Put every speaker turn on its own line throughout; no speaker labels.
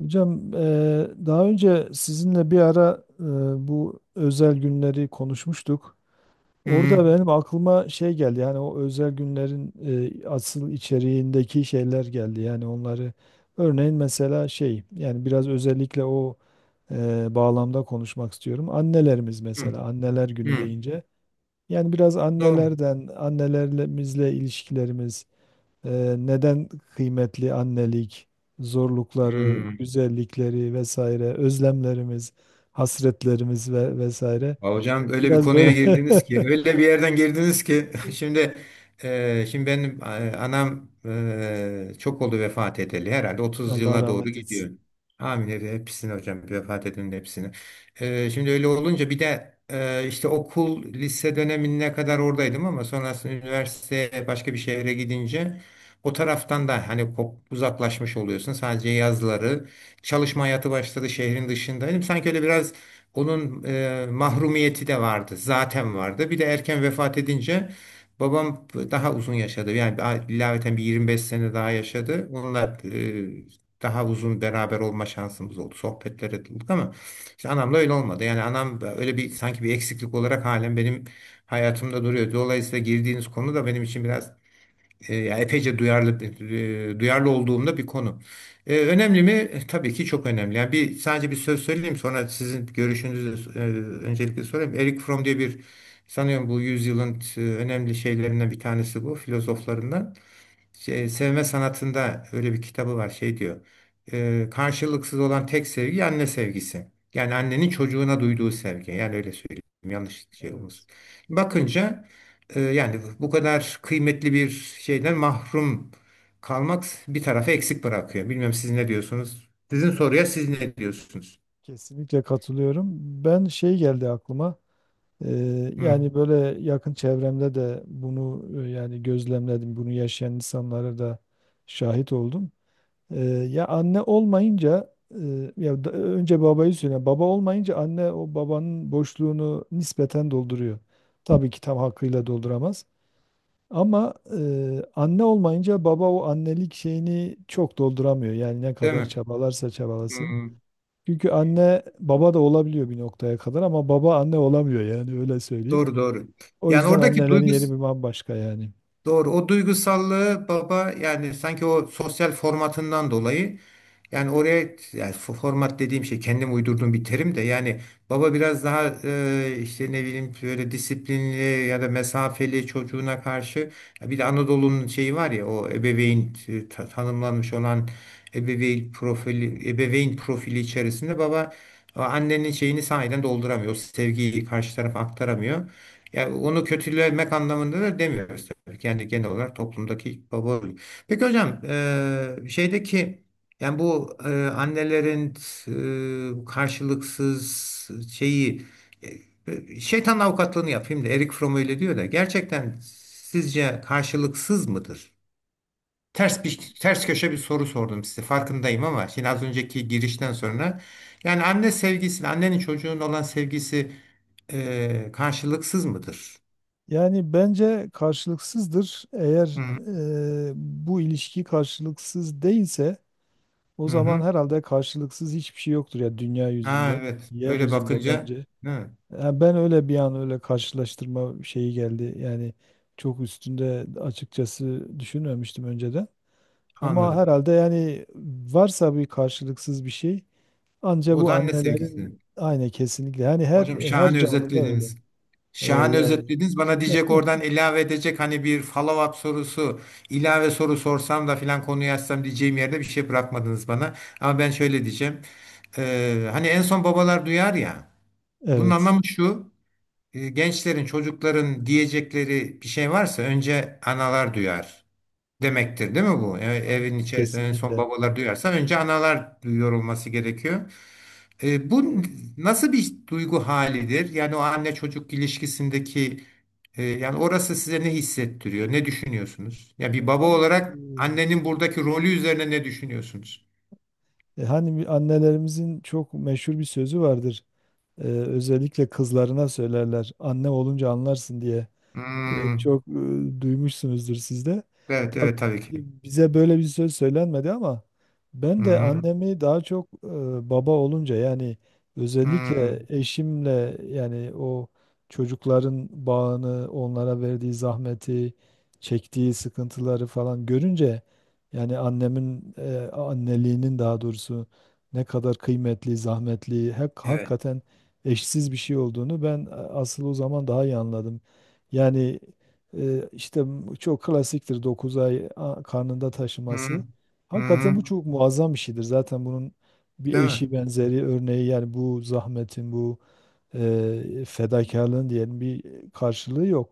Hocam, daha önce sizinle bir ara bu özel günleri konuşmuştuk.
Hı
Orada benim aklıma şey geldi, yani o özel günlerin asıl içeriğindeki şeyler geldi. Yani onları örneğin mesela şey, yani biraz özellikle o bağlamda konuşmak istiyorum. Annelerimiz
hı.
mesela anneler günü
Hı.
deyince yani biraz
Doğru.
annelerden annelerimizle ilişkilerimiz. Neden kıymetli annelik, zorlukları,
Hı.
güzellikleri vesaire, özlemlerimiz, hasretlerimiz ve vesaire.
Ya hocam, öyle bir
Biraz
konuya
böyle.
girdiniz ki, öyle bir yerden girdiniz ki şimdi benim anam, çok oldu vefat edeli, herhalde 30
Allah
yıla doğru
rahmet etsin.
gidiyor. Amin, hepsini hocam, vefat edenin hepsini. Şimdi öyle olunca bir de işte okul, lise dönemine kadar oradaydım ama sonrasında üniversiteye başka bir şehre gidince o taraftan da hani uzaklaşmış oluyorsun. Sadece yazları çalışma hayatı başladı, şehrin dışındaydım. Sanki öyle biraz onun mahrumiyeti de vardı, zaten vardı. Bir de erken vefat edince babam daha uzun yaşadı. Yani ilaveten bir 25 sene daha yaşadı. Onunla daha uzun beraber olma şansımız oldu. Sohbetlere ettik ama işte anamla öyle olmadı. Yani anam öyle bir sanki bir eksiklik olarak halen benim hayatımda duruyor. Dolayısıyla girdiğiniz konu da benim için biraz yani epeyce duyarlı olduğumda bir konu. Önemli mi? Tabii ki çok önemli. Yani bir, sadece bir söz söyleyeyim sonra sizin görüşünüzü öncelikle sorayım. Eric Fromm diye bir, sanıyorum bu yüzyılın önemli şeylerinden bir tanesi, bu filozoflarından. Şey, sevme sanatında öyle bir kitabı var, şey diyor. Karşılıksız olan tek sevgi anne sevgisi. Yani annenin çocuğuna duyduğu sevgi. Yani öyle söyleyeyim. Yanlış şey olmasın.
Evet,
Bakınca yani bu kadar kıymetli bir şeyden mahrum kalmak bir tarafı eksik bırakıyor. Bilmem siz ne diyorsunuz? Sizin soruya
evet,
siz ne diyorsunuz?
kesinlikle katılıyorum. Ben şey geldi aklıma.
Hı,
Yani böyle yakın çevremde de bunu, yani gözlemledim. Bunu yaşayan insanlara da şahit oldum. Ya anne olmayınca, önce babayı söyle. Baba olmayınca anne o babanın boşluğunu nispeten dolduruyor. Tabii ki tam hakkıyla dolduramaz. Ama anne olmayınca baba o annelik şeyini çok dolduramıyor. Yani ne
değil
kadar
mi?
çabalarsa
Hı,
çabalasın. Çünkü anne baba da olabiliyor bir noktaya kadar, ama baba anne olamıyor, yani öyle söyleyeyim.
doğru doğru.
O
Yani
yüzden
oradaki
annelerin
duygus
yeri bir bambaşka yani.
Doğru. O duygusallığı baba, yani sanki o sosyal formatından dolayı, yani oraya, yani format dediğim şey kendim uydurduğum bir terim de, yani baba biraz daha işte ne bileyim böyle disiplinli ya da mesafeli, çocuğuna karşı. Ya bir de Anadolu'nun şeyi var ya, o ebeveyn tanımlanmış olan ebeveyn profili içerisinde baba o annenin şeyini sahiden dolduramıyor. O sevgiyi karşı tarafa aktaramıyor. Yani onu kötülemek anlamında da demiyoruz tabii. Kendi, genel olarak toplumdaki baba rolü. Peki hocam, şeydeki, yani bu annelerin karşılıksız şeyi, şeytan avukatlığını yapayım da, Erik Fromm öyle diyor da gerçekten sizce karşılıksız mıdır? Ters köşe bir soru sordum size, farkındayım, ama şimdi az önceki girişten sonra yani anne sevgisi, annenin çocuğun olan sevgisi karşılıksız mıdır?
Yani bence karşılıksızdır.
Hı
Eğer
hı.
bu ilişki karşılıksız değilse, o
Hı
zaman
hı.
herhalde karşılıksız hiçbir şey yoktur ya dünya
Ha,
yüzünde,
evet. Öyle
yeryüzünde
bakınca,
bence.
evet,
Yani ben öyle bir an öyle karşılaştırma şeyi geldi. Yani çok üstünde açıkçası düşünmemiştim önceden. Ama
anladım.
herhalde yani, varsa bir karşılıksız bir şey, anca
O
bu
da anne sevgisi.
annelerin, aynı kesinlikle. Yani her
Hocam,
her
şahane
canlıda öyle.
özetlediniz. Şahane
Yani
özetlediniz. Bana diyecek, oradan ilave edecek, hani bir follow-up sorusu, ilave soru sorsam da filan konuyu açsam diyeceğim yerde bir şey bırakmadınız bana. Ama ben şöyle diyeceğim. Hani en son babalar duyar ya. Bunun
evet.
anlamı şu. Gençlerin, çocukların diyecekleri bir şey varsa önce analar duyar, demektir değil mi bu? Evin
Aynen,
içerisinde en son
kesinlikle.
babalar duyarsa önce analar duyuyor olması gerekiyor. Bu nasıl bir duygu halidir? Yani o anne çocuk ilişkisindeki, yani orası size ne hissettiriyor? Ne düşünüyorsunuz? Ya, bir
Evet,
baba
hani
olarak annenin buradaki rolü üzerine ne düşünüyorsunuz?
hani bir annelerimizin çok meşhur bir sözü vardır. Özellikle kızlarına söylerler. Anne olunca anlarsın diye.
Hmm.
Çok, duymuşsunuzdur siz de.
Evet, evet, tabii ki.
Bize böyle bir söz söylenmedi ama ben de
Hmm.
annemi daha çok, baba olunca, yani özellikle
Hmm.
eşimle, yani o çocukların bağını, onlara verdiği zahmeti, çektiği sıkıntıları falan görünce, yani annemin anneliğinin, daha doğrusu ne kadar kıymetli, zahmetli, hak,
Evet.
hakikaten eşsiz bir şey olduğunu ben, asıl o zaman daha iyi anladım. Yani, işte çok klasiktir 9 ay karnında
Hmm.
taşıması. Hakikaten bu
Hmm.
çok muazzam bir şeydir. Zaten bunun bir
Değil mi?
eşi, benzeri, örneği, yani bu zahmetin, bu fedakarlığın diyelim, bir karşılığı yok.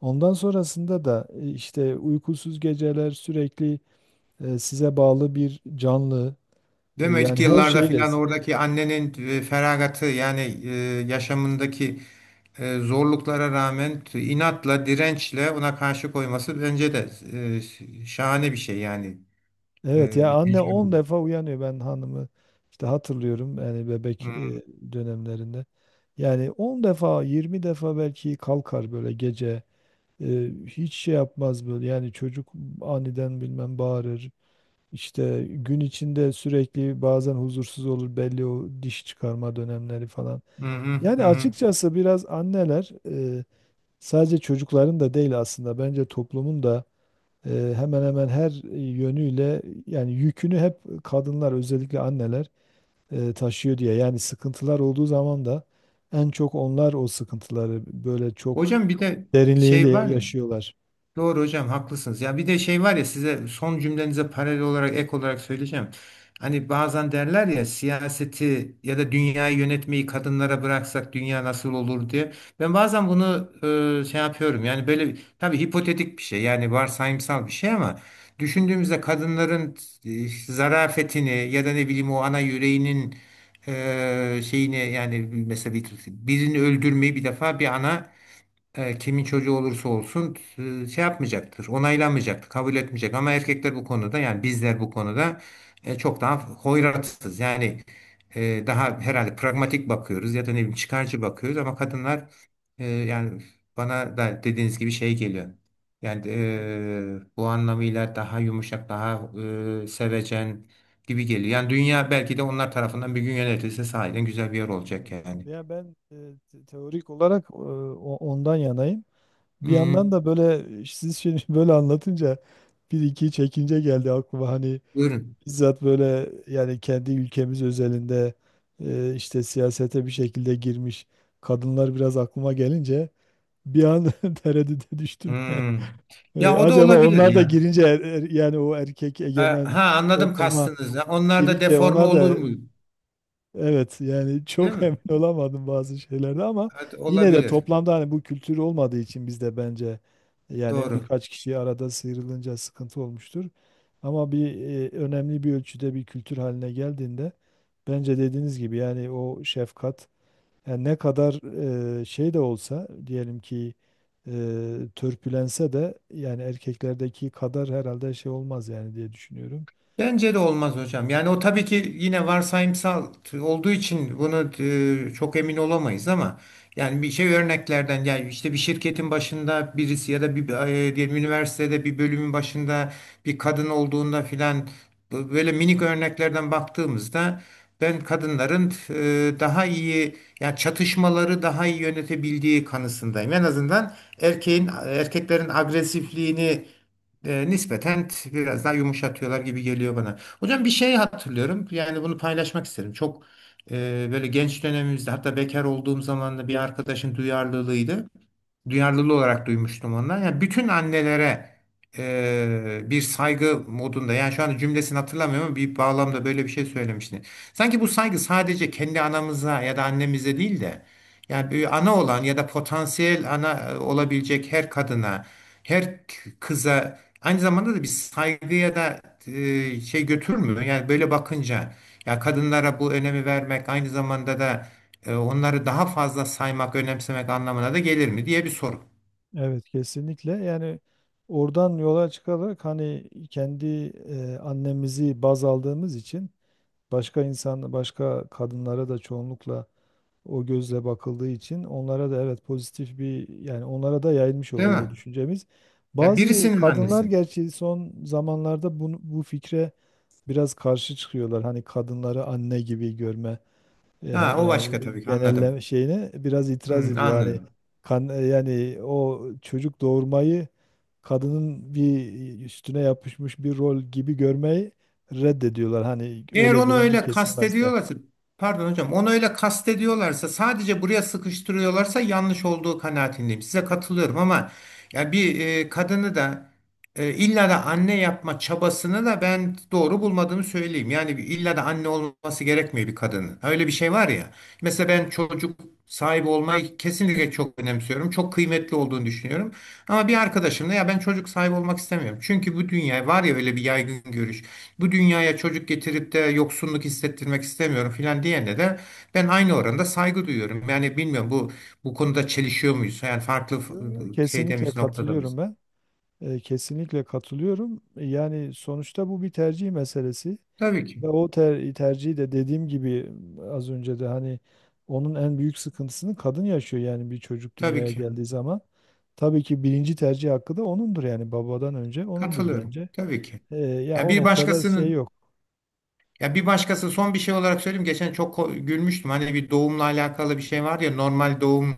Ondan sonrasında da işte uykusuz geceler, sürekli size bağlı bir canlı,
Değil mi? İlk
yani her
yıllarda
şeyle.
filan oradaki annenin feragatı, yani yaşamındaki zorluklara rağmen, inatla, dirençle, ona karşı koyması bence de şahane bir şey yani.
Evet,
E,
ya
bir
anne
tecrübe.
10 defa uyanıyor, ben hanımı işte hatırlıyorum yani
Hı
bebek dönemlerinde. Yani 10 defa, 20 defa belki kalkar böyle gece. Hiç şey yapmaz böyle, yani çocuk aniden bilmem bağırır. İşte gün içinde sürekli bazen huzursuz olur, belli o diş çıkarma dönemleri falan.
hı hı.
Yani
Hı.
açıkçası biraz anneler, e, sadece çocukların da değil, aslında bence toplumun da hemen hemen her yönüyle yani yükünü, hep kadınlar, özellikle anneler taşıyor diye. Yani sıkıntılar olduğu zaman da en çok onlar o sıkıntıları böyle çok
Hocam, bir de
derinliğiyle
şey var ya.
yaşıyorlar.
Doğru hocam, haklısınız. Ya bir de şey var ya, size son cümlenize paralel olarak, ek olarak söyleyeceğim. Hani bazen derler ya, siyaseti ya da dünyayı yönetmeyi kadınlara bıraksak dünya nasıl olur diye. Ben bazen bunu şey yapıyorum. Yani böyle tabii hipotetik bir şey, yani varsayımsal bir şey, ama düşündüğümüzde kadınların zarafetini ya da ne bileyim o ana yüreğinin şeyini, yani mesela birini öldürmeyi bir defa bir ana, kimin çocuğu olursa olsun, şey yapmayacaktır, onaylanmayacaktır, kabul etmeyecek. Ama erkekler bu konuda, yani bizler bu konuda çok daha hoyratsız. Yani daha herhalde pragmatik bakıyoruz ya da ne bileyim çıkarcı bakıyoruz, ama kadınlar, yani bana da dediğiniz gibi şey geliyor. Yani
Evet,
bu anlamıyla daha yumuşak, daha sevecen gibi geliyor. Yani dünya belki de onlar tarafından bir gün yönetilse sahiden güzel bir yer olacak
evet.
yani.
Ya ben, teorik olarak, ondan yanayım. Bir yandan
Hmm,
da böyle, siz şimdi böyle anlatınca bir iki çekince geldi aklıma hani.
buyurun.
Bizzat böyle yani kendi ülkemiz özelinde, işte siyasete bir şekilde girmiş kadınlar biraz aklıma gelince, bir an tereddüte düştüm.
Hmm. Ya o da
Acaba
olabilir
onlar da
ya.
girince, yani o erkek
E,
egemen
ha anladım
ortama
kastınızı. Onlar da
girince
deforme
onlar
olur
da...
mu?
Evet, yani
Değil
çok
mi?
emin olamadım bazı şeylerde, ama
Evet,
yine de
olabilir.
toplamda hani bu kültür olmadığı için bizde, bence yani
Doğru.
birkaç kişi arada sıyrılınca sıkıntı olmuştur. Ama bir, önemli bir ölçüde bir kültür haline geldiğinde bence dediğiniz gibi yani o şefkat, yani ne kadar şey de olsa, diyelim ki e, törpülense de, yani erkeklerdeki kadar herhalde şey olmaz yani, diye düşünüyorum.
Bence de olmaz hocam. Yani o tabii ki, yine varsayımsal olduğu için bunu çok emin olamayız ama yani bir şey, örneklerden, yani işte bir şirketin başında birisi ya da bir, diyelim üniversitede bir bölümün başında bir kadın olduğunda filan, böyle minik örneklerden baktığımızda, ben kadınların daha iyi, yani çatışmaları daha iyi yönetebildiği kanısındayım. En azından erkeğin, erkeklerin agresifliğini nispeten biraz daha yumuşatıyorlar gibi geliyor bana. Hocam, bir şey hatırlıyorum. Yani bunu paylaşmak isterim. Çok böyle genç dönemimizde, hatta bekar olduğum zaman da, bir arkadaşın duyarlılığı olarak duymuştum ondan. Yani bütün annelere bir saygı modunda, yani şu anda cümlesini hatırlamıyorum ama bir bağlamda böyle bir şey söylemişti. Sanki bu saygı sadece kendi anamıza ya da annemize değil de, yani bir ana olan ya da potansiyel ana olabilecek her kadına, her kıza aynı zamanda da bir saygı ya da şey götürmüyor. Yani böyle bakınca, ya kadınlara bu önemi vermek aynı zamanda da onları daha fazla saymak, önemsemek anlamına da gelir mi diye bir soru.
Evet kesinlikle, yani oradan yola çıkarak hani kendi annemizi baz aldığımız için başka insan, başka kadınlara da çoğunlukla o gözle bakıldığı için, onlara da evet pozitif bir, yani onlara da yayılmış
Değil
oluyor o
mi?
düşüncemiz.
Ya
Bazı
birisinin
kadınlar
annesi.
gerçi son zamanlarda bu fikre biraz karşı çıkıyorlar. Hani kadınları anne gibi görme. E,
Ha, o
Yani
başka, tabii ki
genelleme
anladım.
şeyine biraz itiraz
Hı,
ediyor. Hani
anladım.
yani o çocuk doğurmayı kadının bir üstüne yapışmış bir rol gibi görmeyi reddediyorlar. Hani
Eğer
öyle
onu
gören bir
öyle
kesim varsa.
kastediyorlarsa, pardon hocam, onu öyle kastediyorlarsa, sadece buraya sıkıştırıyorlarsa yanlış olduğu kanaatindeyim. Size katılıyorum ama, ya bir kadını da illa da anne yapma çabasını da ben doğru bulmadığımı söyleyeyim. Yani bir, illa da anne olması gerekmiyor bir kadının. Öyle bir şey var ya. Mesela ben çocuk sahibi olmayı kesinlikle çok önemsiyorum. Çok kıymetli olduğunu düşünüyorum. Ama bir arkadaşımla, ya ben çocuk sahibi olmak istemiyorum, çünkü bu dünya var ya, öyle bir yaygın görüş, bu dünyaya çocuk getirip de yoksunluk hissettirmek istemiyorum filan diyene de ben aynı oranda saygı duyuyorum. Yani bilmiyorum, bu konuda çelişiyor muyuz? Yani farklı
Yo, yo,
şeyde
kesinlikle
miyiz, noktada mıyız?
katılıyorum ben. Kesinlikle katılıyorum. Yani sonuçta bu bir tercih meselesi.
Tabii ki.
Ve o tercihi de, dediğim gibi az önce de hani, onun en büyük sıkıntısını kadın yaşıyor, yani bir çocuk
Tabii
dünyaya
ki.
geldiği zaman. Tabii ki birinci tercih hakkı da onundur, yani babadan önce onundur
Katılıyorum.
bence.
Tabii ki.
Ya
Ya
o
bir
noktada şey
başkasının,
yok.
ya bir başkası, son bir şey olarak söyleyeyim. Geçen çok gülmüştüm. Hani bir doğumla alakalı bir şey var ya, normal doğum.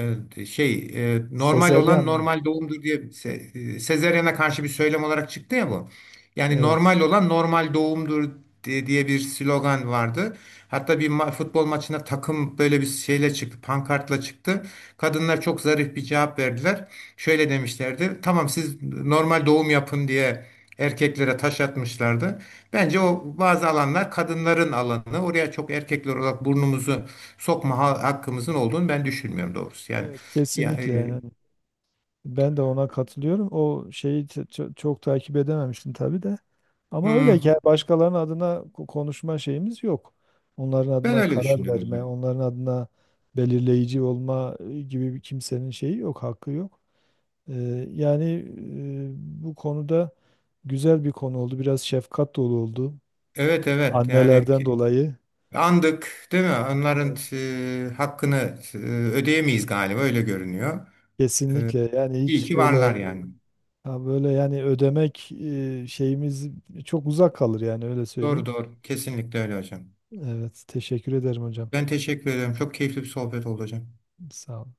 Evet, şey normal
Sezeryan
olan
mı?
normal doğumdur diye, sezaryene karşı bir söylem olarak çıktı ya bu. Yani
Evet.
normal olan normal doğumdur diye bir slogan vardı. Hatta bir futbol maçına takım böyle bir şeyle çıktı, pankartla çıktı. Kadınlar çok zarif bir cevap verdiler. Şöyle demişlerdi. Tamam, siz normal doğum yapın diye erkeklere taş atmışlardı. Bence o, bazı alanlar kadınların alanı. Oraya çok, erkekler olarak, burnumuzu sokma hakkımızın olduğunu ben düşünmüyorum doğrusu. Yani,
Evet, kesinlikle.
yani
Yani. Ben de ona katılıyorum. O şeyi çok takip edememiştim tabii de. Ama öyle ki,
hmm,
başkalarının adına konuşma şeyimiz yok. Onların
ben
adına
öyle
karar
düşünüyorum hocam.
verme, onların adına belirleyici olma gibi bir kimsenin şeyi yok, hakkı yok. Ee, Yani, bu konuda güzel bir konu oldu. Biraz şefkat dolu oldu.
Evet, evet, yani
Annelerden dolayı.
andık değil mi? Onların
Evet.
hakkını ödeyemeyiz galiba, öyle görünüyor. E,
Kesinlikle yani,
iyi
hiç
ki
böyle,
varlar yani.
ha böyle yani ödemek, şeyimiz çok uzak kalır, yani öyle
Doğru
söyleyeyim.
doğru kesinlikle öyle hocam.
Evet, teşekkür ederim hocam.
Ben teşekkür ederim. Çok keyifli bir sohbet oldu hocam.
Sağ olun.